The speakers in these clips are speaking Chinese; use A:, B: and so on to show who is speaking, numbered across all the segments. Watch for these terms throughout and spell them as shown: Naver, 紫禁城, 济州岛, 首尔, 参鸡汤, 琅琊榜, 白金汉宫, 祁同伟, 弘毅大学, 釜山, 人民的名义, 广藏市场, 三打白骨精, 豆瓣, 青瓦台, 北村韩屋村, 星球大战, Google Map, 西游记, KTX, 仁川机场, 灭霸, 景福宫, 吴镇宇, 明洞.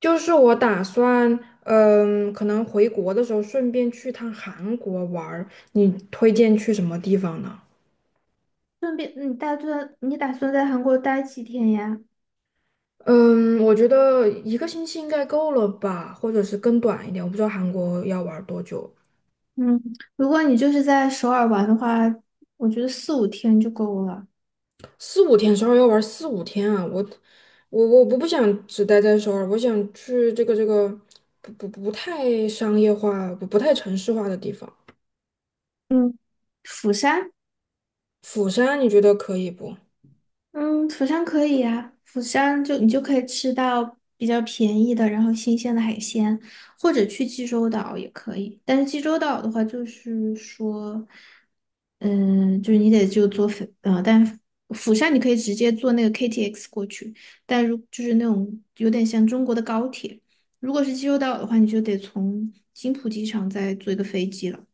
A: 就是我打算，可能回国的时候顺便去趟韩国玩儿。你推荐去什么地方呢？
B: 顺便，你打算在韩国待几天呀？
A: 嗯，我觉得一个星期应该够了吧，或者是更短一点。我不知道韩国要玩儿多久。
B: 嗯，如果你就是在首尔玩的话，我觉得四五天就够了。
A: 四五天，首尔要玩儿四五天啊！我不想只待在首尔，我想去这个不太商业化、不太城市化的地方。
B: 嗯，釜山，
A: 釜山你觉得可以不？
B: 嗯，釜山可以呀、釜山就你就可以吃到比较便宜的，然后新鲜的海鲜，或者去济州岛也可以。但是济州岛的话，就是说。嗯，就是你得就坐飞啊，但釜山你可以直接坐那个 KTX 过去，但就是那种有点像中国的高铁，如果是济州岛的话，你就得从金浦机场再坐一个飞机了。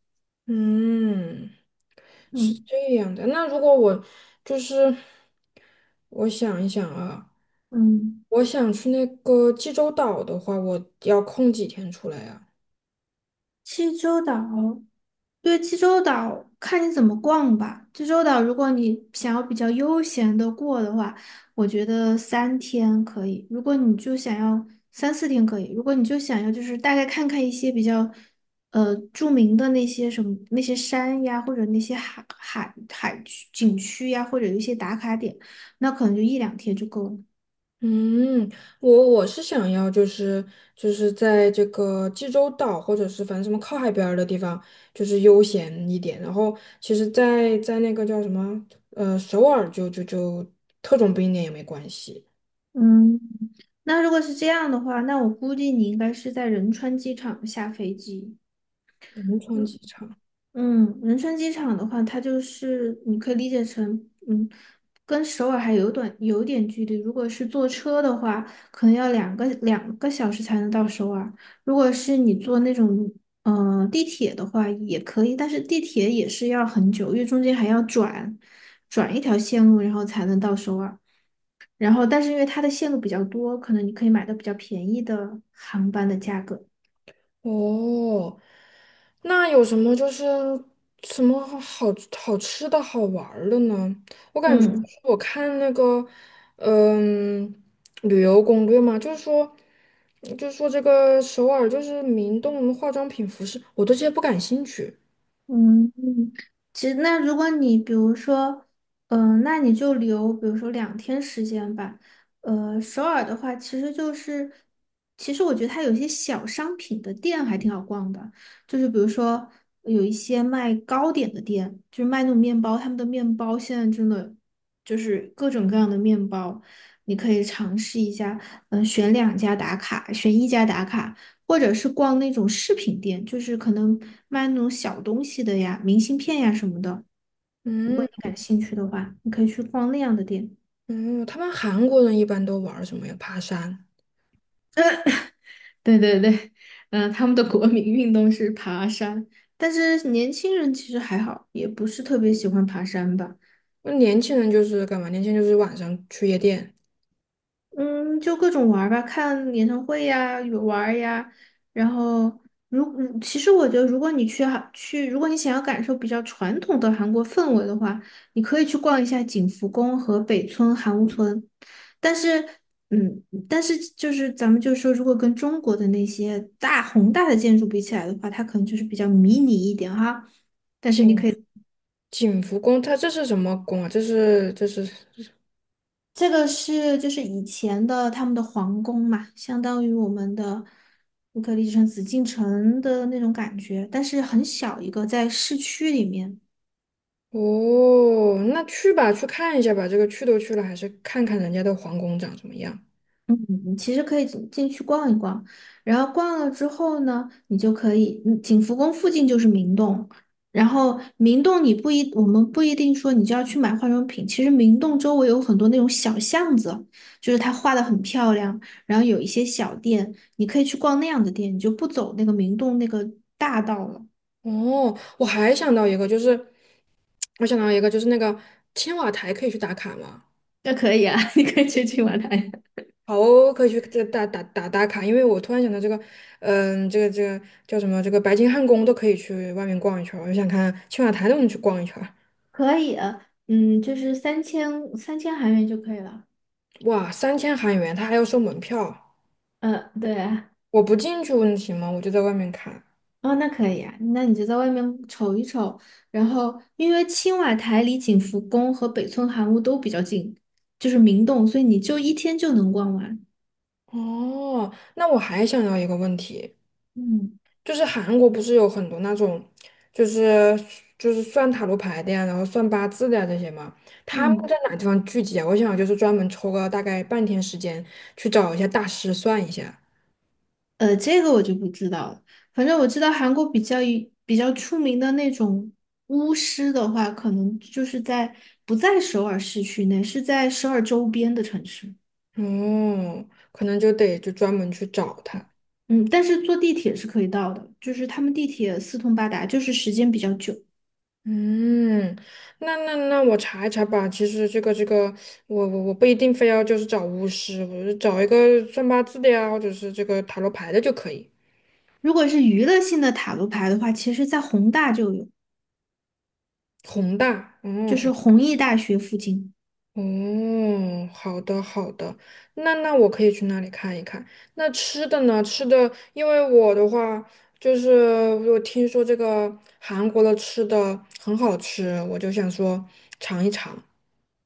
A: 嗯。是
B: 嗯
A: 这样的。那如果我就是我想一想啊，
B: 嗯，
A: 我想去那个济州岛的话，我要空几天出来啊？
B: 济州岛。对，济州岛看你怎么逛吧。济州岛，如果你想要比较悠闲的过的话，我觉得三天可以。如果你就想要三四天可以，如果你就想要就是大概看看一些比较著名的那些什么那些山呀，或者那些海区景区呀，或者一些打卡点，那可能就一两天就够了。
A: 嗯，我是想要就是在这个济州岛或者是反正什么靠海边儿的地方，就是悠闲一点。然后其实在那个叫什么首尔就特种兵一点也没关系。
B: 嗯，那如果是这样的话，那我估计你应该是在仁川机场下飞机。
A: 仁川
B: 嗯。
A: 机场。
B: 嗯，仁川机场的话，它就是你可以理解成，嗯，跟首尔还有短有点距离。如果是坐车的话，可能要两个小时才能到首尔。如果是你坐那种地铁的话，也可以，但是地铁也是要很久，因为中间还要转一条线路，然后才能到首尔。然后，但是因为它的线路比较多，可能你可以买到比较便宜的航班的价格。
A: 哦，那有什么好吃的好玩儿的呢？我感觉就是
B: 嗯。
A: 我看那个，嗯，旅游攻略嘛。就是说这个首尔就是明洞化妆品、服饰，我对这些不感兴趣。
B: 嗯，其实那如果你比如说，嗯、那你就留，比如说两天时间吧。首尔的话，其实就是，其实我觉得它有一些小商品的店还挺好逛的，就是比如说有一些卖糕点的店，就是卖那种面包，他们的面包现在真的就是各种各样的面包，你可以尝试一下，嗯、选两家打卡，选一家打卡。或者是逛那种饰品店，就是可能卖那种小东西的呀，明信片呀什么的。如果
A: 嗯
B: 你感兴趣的话，你可以去逛那样的店。
A: 嗯，他们韩国人一般都玩儿什么呀？爬山。
B: 对对对，嗯、他们的国民运动是爬山。但是年轻人其实还好，也不是特别喜欢爬山吧。
A: 那年轻人就是干嘛？年轻人就是晚上去夜店。
B: 嗯，就各种玩儿吧，看演唱会呀，有玩儿呀。然后，其实我觉得，如果你想要感受比较传统的韩国氛围的话，你可以去逛一下景福宫和北村韩屋村。但是，嗯，但是就是咱们就说，如果跟中国的那些宏大的建筑比起来的话，它可能就是比较迷你一点哈。
A: 景景福宫，它这是什么宫啊？这是。
B: 这个是就是以前的他们的皇宫嘛，相当于我们的乌克丽之城、紫禁城的那种感觉，但是很小一个，在市区里面。
A: 哦，那去吧，去看一下吧。这个去都去了，还是看看人家的皇宫长什么样。
B: 嗯，其实可以进去逛一逛，然后逛了之后呢，你就可以，景福宫附近就是明洞，然后明洞你不一，我们不一定说你就要去买化妆品，其实明洞周围有很多那种小巷子，就是它画的很漂亮，然后有一些小店，你可以去逛那样的店，你就不走那个明洞那个大道了。
A: 哦，我还想到一个，就是我想到一个，就是那个青瓦台可以去打卡吗？
B: 那可以啊，你可以去金晚来。
A: 好哦，可以去这打卡，因为我突然想到这个。这个叫什么？这个白金汉宫都可以去外面逛一圈儿，我就想看青瓦台都能去逛一圈儿。
B: 可以，嗯，就是三千韩元就可以了。
A: 哇，3000韩元，他还要收门票。
B: 嗯，对，
A: 我不进去问题吗？我就在外面看。
B: 哦，那可以啊，那你就在外面瞅一瞅，然后因为青瓦台离景福宫和北村韩屋都比较近，就是明洞，所以你就一天就能逛完。
A: 哦，那我还想到一个问题。
B: 嗯
A: 就是韩国不是有很多那种，就是就是算塔罗牌的呀，然后算八字的呀这些嘛，他们
B: 嗯，
A: 在哪地方聚集啊？我想就是专门抽个大概半天时间去找一下大师算一下。
B: 这个我就不知道了。反正我知道韩国比较出名的那种巫师的话，可能就是在不在首尔市区内，是在首尔周边的城市。
A: 哦，可能就得就专门去找他。
B: 嗯，但是坐地铁是可以到的，就是他们地铁四通八达，就是时间比较久。
A: 嗯，那我查一查吧。其实这个，我不一定非要就是找巫师，我就找一个算八字的呀，或者是这个塔罗牌的就可以。
B: 如果是娱乐性的塔罗牌的话，其实在宏大就有，
A: 宏大，
B: 就
A: 嗯。
B: 是弘毅大学附近。
A: 哦，好的好的，那我可以去那里看一看。那吃的呢？吃的，因为我的话，就是我听说这个韩国的吃的很好吃，我就想说尝一尝。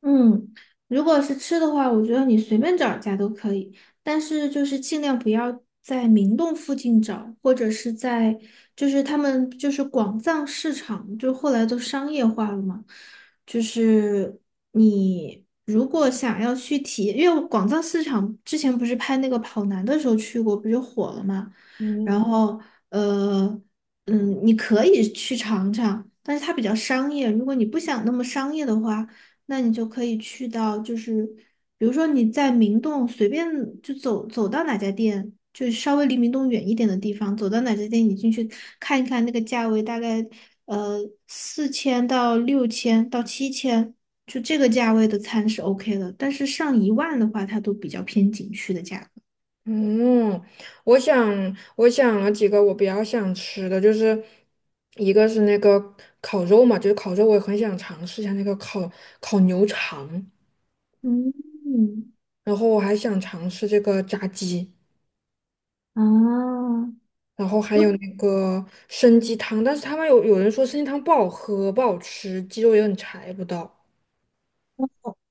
B: 嗯，如果是吃的话，我觉得你随便找一家都可以，但是就是尽量不要在明洞附近找，或者是在就是他们就是广藏市场，就后来都商业化了嘛。就是你如果想要去体验，因为广藏市场之前不是拍那个跑男的时候去过，不就火了嘛。然
A: 嗯，
B: 后呃你可以去尝尝，但是它比较商业。如果你不想那么商业的话，那你就可以去到，就是比如说你在明洞随便就走到哪家店，就稍微离明洞远一点的地方，走到哪家店，你进去看一看那个价位，大概呃4000到6000到7000，就这个价位的餐是 OK 的，但是上10000的话，它都比较偏景区的价格。
A: 嗯，我想我想了几个我比较想吃的，就是一个是那个烤肉嘛，就是烤肉我也很想尝试一下那个烤牛肠。
B: 嗯，
A: 然后我还想尝试这个炸鸡。
B: 啊，
A: 然后还有
B: 如。
A: 那个参鸡汤，但是他们有人说参鸡汤不好喝、不好吃，鸡肉也很柴不到。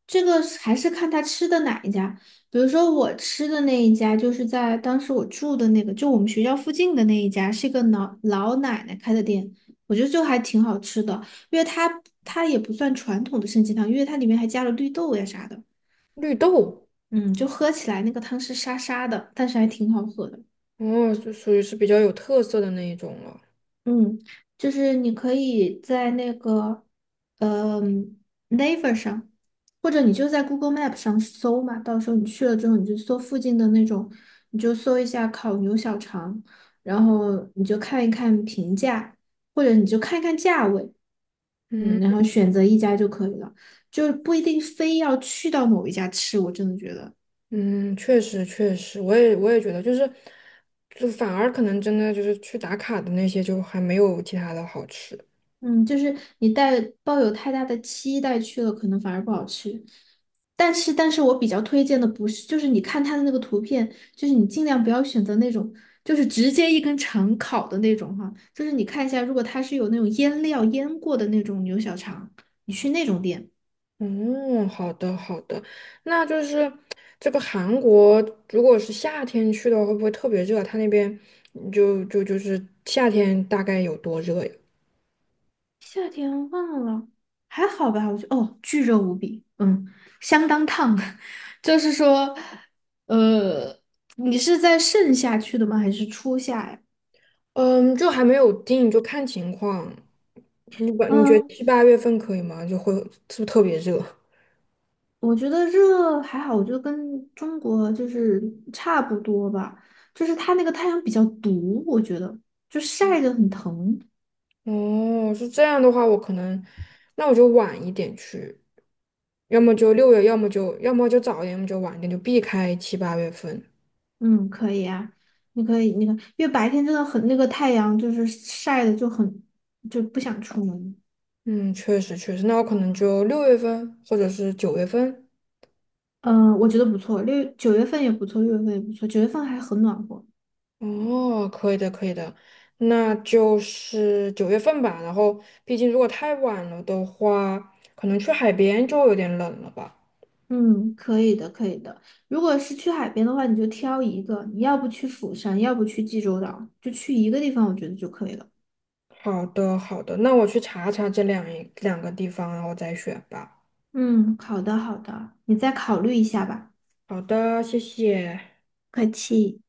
B: 这个是还是看他吃的哪一家，比如说我吃的那一家，就是在当时我住的那个，就我们学校附近的那一家，是一个老奶奶开的店，我觉得就还挺好吃的，因为它也不算传统的参鸡汤，因为它里面还加了绿豆呀啥的，
A: 绿豆，
B: 嗯，就喝起来那个汤是沙沙的，但是还挺好喝的。
A: 哦，就属于是比较有特色的那一种了。
B: 嗯，就是你可以在那个，嗯，Naver 上，或者你就在 Google Map 上搜嘛。到时候你去了之后，你就搜附近的那种，你就搜一下烤牛小肠，然后你就看一看评价，或者你就看一看价位，
A: 嗯
B: 嗯，然后选择一家就可以了，就不一定非要去到某一家吃。我真的觉得。
A: 嗯，确实确实，我也觉得，就是就反而可能真的就是去打卡的那些，就还没有其他的好吃。
B: 嗯，就是你抱有太大的期待去了，可能反而不好吃。但是，但是我比较推荐的不是，就是你看它的那个图片，就是你尽量不要选择那种，就是直接一根肠烤的那种哈。就是你看一下，如果它是有那种腌料腌过的那种牛小肠，你去那种店。
A: 嗯，好的好的，那就是这个韩国，如果是夏天去的话，会不会特别热？他那边就是夏天大概有多热呀？
B: 夏天忘了，还好吧？我觉得哦，巨热无比，嗯，相当烫。就是说，呃，你是在盛夏去的吗？还是初夏呀？
A: 嗯，就还没有定，就看情况。你觉
B: 嗯。
A: 得七八月份可以吗？就会是不是特别热？
B: 我觉得热还好，我觉得跟中国就是差不多吧，就是它那个太阳比较毒，我觉得就晒着很疼。
A: 哦，是这样的话，我可能那我就晚一点去，要么就六月，要么就早一点，要么就晚一点，就避开七八月份。
B: 嗯，可以啊，你可以那个，因为白天真的很那个太阳就是晒的就很不想出门。
A: 嗯，确实确实，那我可能就6月份或者是九月份。
B: 嗯、我觉得不错，六九月份也不错，六月份也不错，九月份还很暖和。
A: 哦，可以的可以的，那就是九月份吧。然后，毕竟如果太晚了的话，可能去海边就有点冷了吧。
B: 嗯，可以的，可以的。如果是去海边的话，你就挑一个，你要不去釜山，要不去济州岛，就去一个地方，我觉得就可以了。
A: 好的，好的，那我去查查这一两个地方，然后再选吧。
B: 嗯，好的好的，你再考虑一下吧。
A: 好的，谢谢。
B: 客气。